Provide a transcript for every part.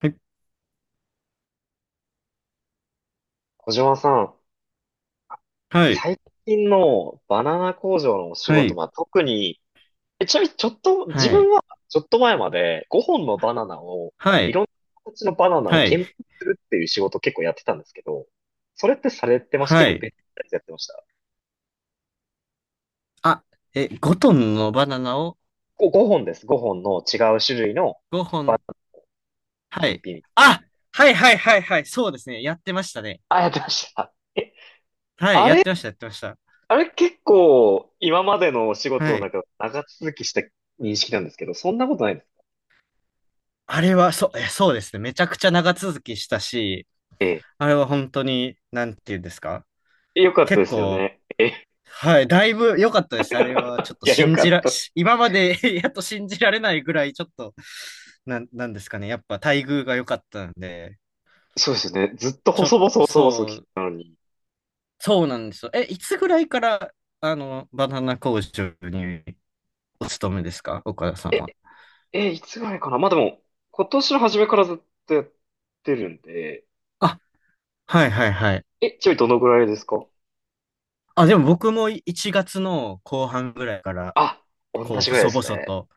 はい、小島さん、はい、最近のバナナ工場のお仕は事い、は特に、ちなみにちょっと、自は分い、はちょっと前まで5本のバナナを、はいい、ろんな形のバナナをはい、検品するっていう仕事を結構やってたんですけど、それってされてました？結は構い。別のやつやってました。あ、え、5トンのバナナを5本です。5本の違う種類の5バナ本。ナは検い。品。あ、はいはいはいはい。そうですね。やってましたね。あ、やってました。え、はい。あやっれ、てました、やってました。あれ結構今までのお仕事はのい。中、長続きした認識なんですけど、そんなことないです。あれは、そう、え、そうですね。めちゃくちゃ長続きしたし、ええ、あれは本当に、なんていうんですか。よかったで結すよ構、ね。いはい。だいぶ良かったです。あれは、ちょっとや、よ信かじっら、た。し今まで やっと信じられないぐらい、ちょっと、なんですかね。やっぱ待遇が良かったんで、そうですよね。ずっと細々細々そ来てう、たのに。そうなんですよ。え、いつぐらいから、あの、バナナ工場にお勤めですか岡田さんえ、は。いつぐらいかな、でも、今年の初めからずっとやってるんで、あ、はいはいはい。ちなみにどのぐらいですか？あ、でも僕も1月の後半ぐらいから、あ、同こう、じぐらいで細す々ね。と、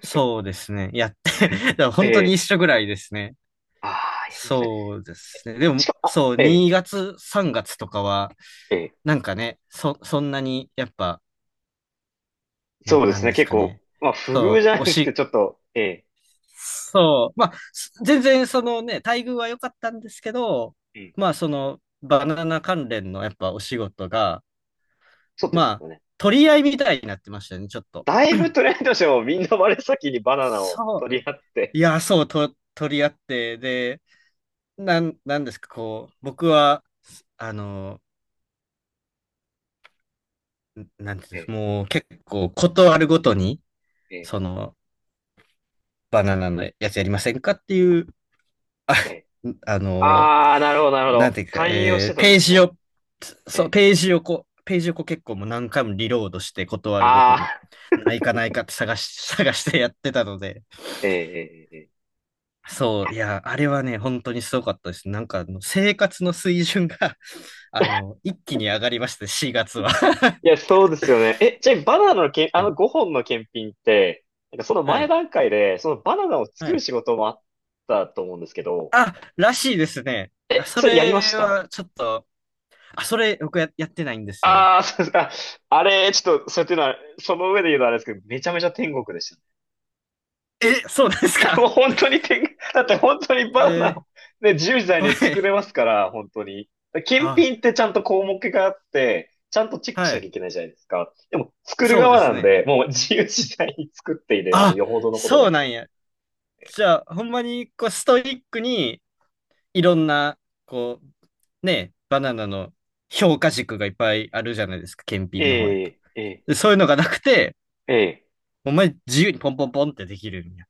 そうですね。やって、だからえ本当に一え。緒ぐらいですね。ああ、いや、いいですね。そうですね。でしも、かも、あ、そう、ええ、2月、3月とかは、ええ。なんかね、そんなに、やっぱ、な、そうでなすんね。です結か構、ね。まあ、不遇じそう、ゃないですけど、ちょっと、ええ、そう。まあ、全然そのね、待遇は良かったんですけど、ええ。まあそのバナナ関連のやっぱお仕事が、そうでますあよね。取り合いみたいになってましたね、ちょっと。だいぶトレンドしてもみんな真っ先にバナナをそう。取り合って、いや、そう、取り合って、で、なんですか、こう、僕は、あの、なんていうんえです、え、もう結構ことあるごとに、ええ。その、バナナのやつやりませんかっていう、あ、ええ、あの、ああ、なるほど、なるほなんど。ていうか、勧誘をしてたんでペーすジね。を、えそう、え。ページをこう結構もう何回もリロードして断るごとあに、あ、ないかないかって探し、探してやってたので、ええ、ええ。ええ、そう、いや、あれはね、本当にすごかったです。なんかあの、生活の水準が、あの、一気に上がりまして、4月は。いや、そうですよね。じゃあ、バナナのけん、あうのん5本の検品って、なんかそのは前い。段階で、そのバナナを作はるい。仕事もあったと思うんですけど、あ、らしいですね。あそそれやりましれた？はちょっと、あ、それやってないんですよ。ああー、そうですか。あれ、ちょっと、そういうのは、その上で言うのはあれですけど、めちゃめちゃ天国でした。え、そうなんですもうか本当にだって本当にバえナナーを、ね、自由自在はに作れい。ますから、本当に。検あ、品ってちゃんと項目があって、ちゃんとチェックしはなきゃい。いけないじゃないですか。でも、作るそうで側すなんね。で、もう自由自在に作っている、あ、よほどのことそなうけなれんば。や。じゃあ、ほんまに、こう、ストイックに、いろんな、こう、ね、バナナの評価軸がいっぱいあるじゃないですか、検品の方やえと。え、ええ、でそういうのがなくて、ええ。ほんまに自由にポンポンポンってできるんや。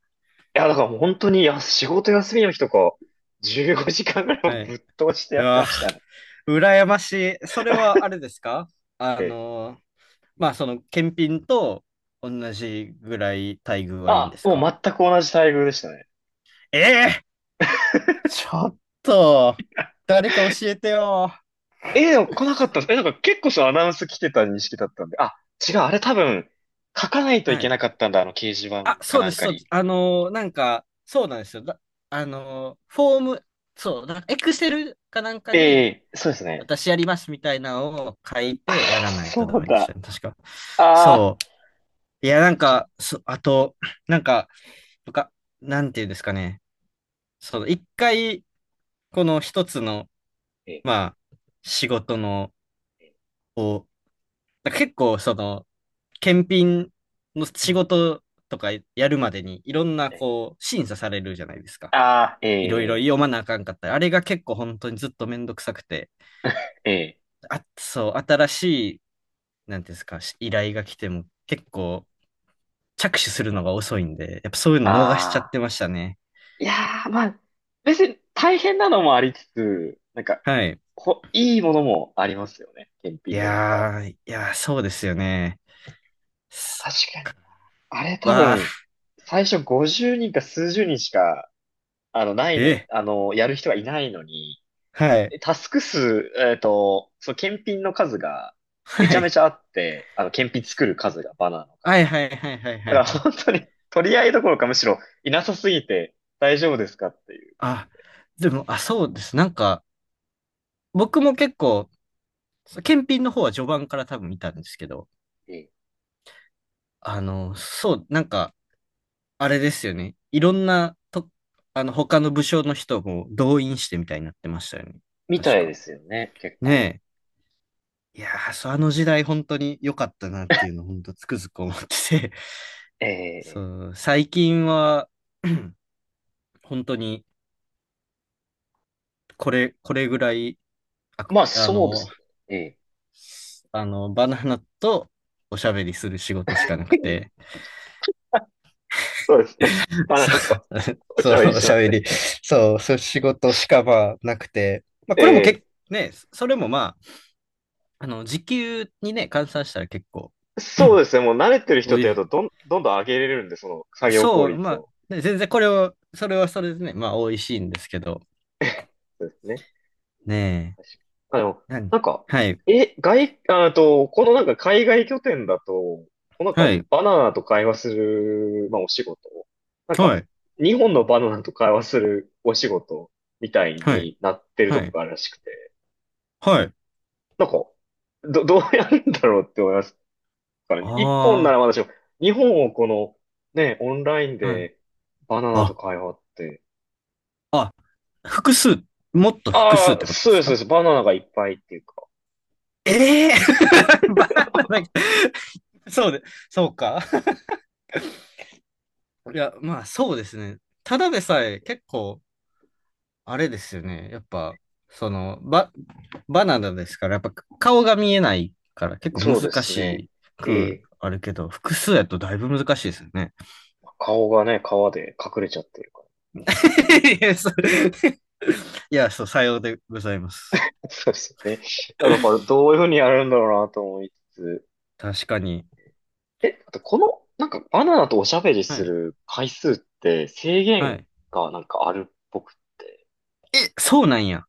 いや、だからもう本当に、仕事休みの日とか、15時間ぐらいもはぶい。っ通してうやってわ、ましたね。羨ましい。それはあれですかあええ。の、まあ、その、検品と同じぐらい待遇はいいんであ、すもかう全く同じ待遇でしたね。ええちょっと、誰か教えてよ。でも来なかったんです。なんか結構そうアナウンス来てた認識だったんで。あ、違う、あれ多分、書かないといはけない。かったんだ、あの掲示板あ、かそうなでんす、かそうでに。す。なんか、そうなんですよ。フォーム、そう、だエクセルかなんかえに、え、そうですね。私やりますみたいなのを書いああ、てやらないそとダうメでしただ。ね。確か。ああ、そう。いや、なんそう、か、あと、なんか、とか、なんていうんですかね。その、一回、この一つの、えまあ、仕事の、え、えを、だ結構、その、検品のえ、う仕ん、事とかやるまでに、いろんな、ええ、こう、審査されるじゃないですか。あー、いろいろえ読まなあかんかったり。あれが結構本当にずっとめんどくさくて。え、えあ、そう、新しい、なんていうんですか、依頼が来ても結え、構着手するのが遅いんで、やっぱそういうの逃しちゃってああ、ましたね。いやー、まあ、別に大変なのもありつつ、なんか、はい。いいものもありますよね、検い品の中。やー、いやー、そうですよね。そっ確かに。か。あれう多わ分、最初50人か数十人しか、なー、いのに、え、やる人がいないのに、はい。タスク数、その検品の数がはめちゃめい。ちゃあって、検品作る数が、バナーのは数いが。はいはいはいはいだかはらい。本当に取り合いどころかむしろいなさすぎて大丈夫ですかっていう感じあ、で。でも、あ、そうです。なんか、僕も結構、検品の方は序盤から多分見たんですけど、ええ、あの、そう、なんか、あれですよね。いろんな、と、あの、他の武将の人も動員してみたいになってましたよね。みた確いか。ですよね、結構。ねえ。いやー、そうあの時代本当に良かったなっていうのを本当つくづく思ってて。ええ、そう、最近は、本当に、これ、これぐらい、あ、まああそうでの、す。ええ あの、バナナとおしゃべりする仕事しかなくて。そうですね。バナそナとう お茶 はいそりう、おししまゃすべね。り。そう、そういう仕事しかまあなくて。まあ、これもええ、ね、それもまあ、あの、時給にね、換算したら結構、そう ですね。もう慣れてる人おってい、やると、どんどん上げれるんで、その作業効そう、ま率を。あ、ね、全然これを、それはそれでね、まあ、美味しいんですけど、そうですね。ねあ、でも、え、何なんか、はい、あと、このなんか海外拠点だと、こうなんはかい、バナナと会話する、まあお仕事、なんはか、い、日本のバナナと会話するお仕事みたいはい、になってるはとこい、があるらしくて、はい、なんか、どうやるんだろうって思いますからね。一本なあらまだしも、日本をこの、ね、オンラインあ、はい、でバナナとあ、会話って、あ、複数、もっと複数っああ、てことでそうすです、そうでかす。バナナがいっぱいっていうか。ええー バナナ、そうで、そうか。いや、まあ、そうですね。ただでさえ結構、あれですよね。やっぱ、その、バナナですから、やっぱ顔が見えないから結構そうで難すね。しえくえ、あるけど、複数やとだいぶ難しいですよね。顔がね、皮で隠れちゃってるか いや、そう、いやそうさようでございます。ら。そうですよね。だからどういうふうにやるんだろうなと思いつつ。確かに。あとこの、なんかバナナとおしゃべりはすい。る回数って制は限い。がなんかあるっぽくって。え、そうなんや。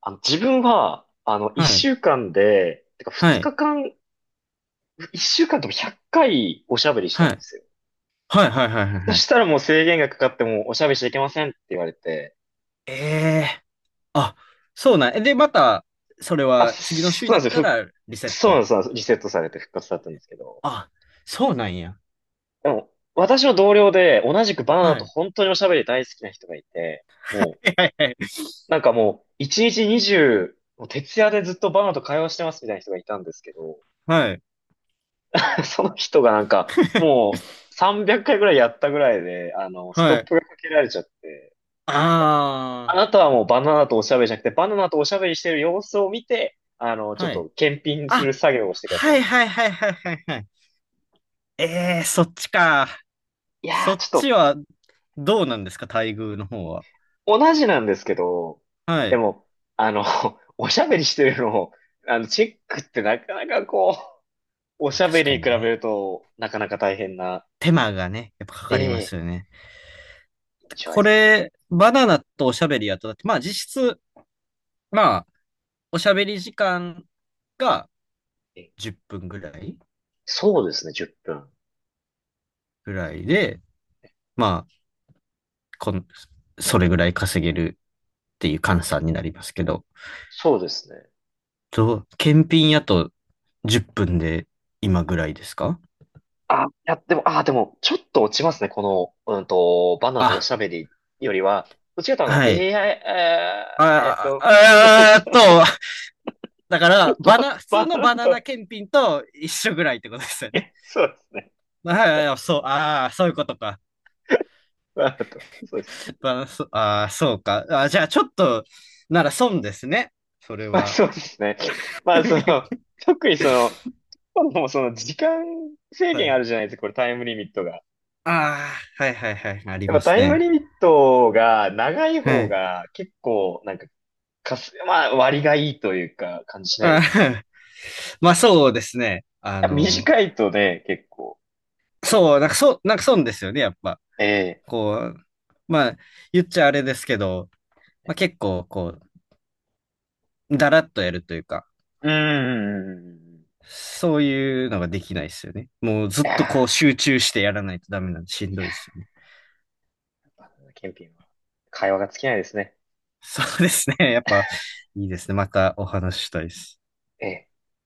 あの、自分は、あの、一はい。週間で、てかは二い。日間、一週間とも100回おしゃべりしたんはでい。すよ。はい、はい、はい、はいそはい。したらもう制限がかかってもうおしゃべりしちゃいけませんって言われて、ええーあ、そうなんや。で、また、それあ、は次のそ週にうななんっですたよ。らリセッそうなんト。です、そうなんですリセットされて復活だったんですけど。あ、そうなんや。でも、私の同僚で、同じくバナナはとい。本当におしゃべり大好きな人がいて、もう、はい、はい。なんかもう、1日20、もう徹夜でずっとバナナと会話してますみたいな人がいたんですけど、はい。その人がなんか、もう、300回ぐらいやったぐらいで、あの、ストッはい。プ がかけられちゃって、なんかああなたはもうバナナとおしゃべりじゃなくて、バナナとおしゃべりしてる様子を見て、あの、あ、ちょっはい。と検品すあ、る作業をしてくださいはにいなっちゃっはいて、はいはいはいはい。えー、そっちか。いやそー、っちょっちと、はどうなんですか、待遇の方は。同じなんですけど、はでい。も、あの、おしゃべりしてるのを、あの、チェックってなかなかこう、おましあゃべ確りかに比にべね。ると、なかなか大変な、手間がね、やっぱかえかりますえ、よね。印象でこすれ、バナナとおしゃべりやと、だって、まあ実質、まあ、おしゃべり時間がね。10分ぐらいそうですね、10分。ぐらいで、まあ、こん、それぐらい稼げるっていう換算になりますけど、そうですね。と検品やと10分で今ぐらいですかあ、いや、でも、あ、でも、ちょっと落ちますね、この、うんと、バナーとおあ、しゃべりよりは、どっちかというとあの、は い。ーえっあ、と、えっあ、あーっと、と、だから、普通バのナバーナナと、検品と一緒ぐらいってことですよね。そうですね。ごめんはなさいい、はい、そう、ああ、そういうことか。バナーと、そうです。バナ、そ、ああ、そうか。あー、じゃあ、ちょっと、なら損ですね。それまあは。そうですね。まあその、特にその、もうその時間制は限あい。るじゃないですか、これタイムリミットが。ああ、はいはいはい、ありやっまぱすタイムね。リミットが長いは方い。が結構なんか、まあ割がいいというか感じしないであすか。いー まあ、そうですね。あやの、短いとね、結構。そう、なんか、そう、なんか損ですよね、やっぱ。ええ。こう、まあ、言っちゃあれですけど、まあ、結構、こう、だらっとやるというか、うん、うん、うんうんうん。いそういうのができないですよね。もうずっやとこう集中してやらないとダメなんでー、いしんどいですやよね。ー、やっぱねケンピンは会話が尽きないですね。そうですね。やっぱいいですね。またお話ししたいです。ええ。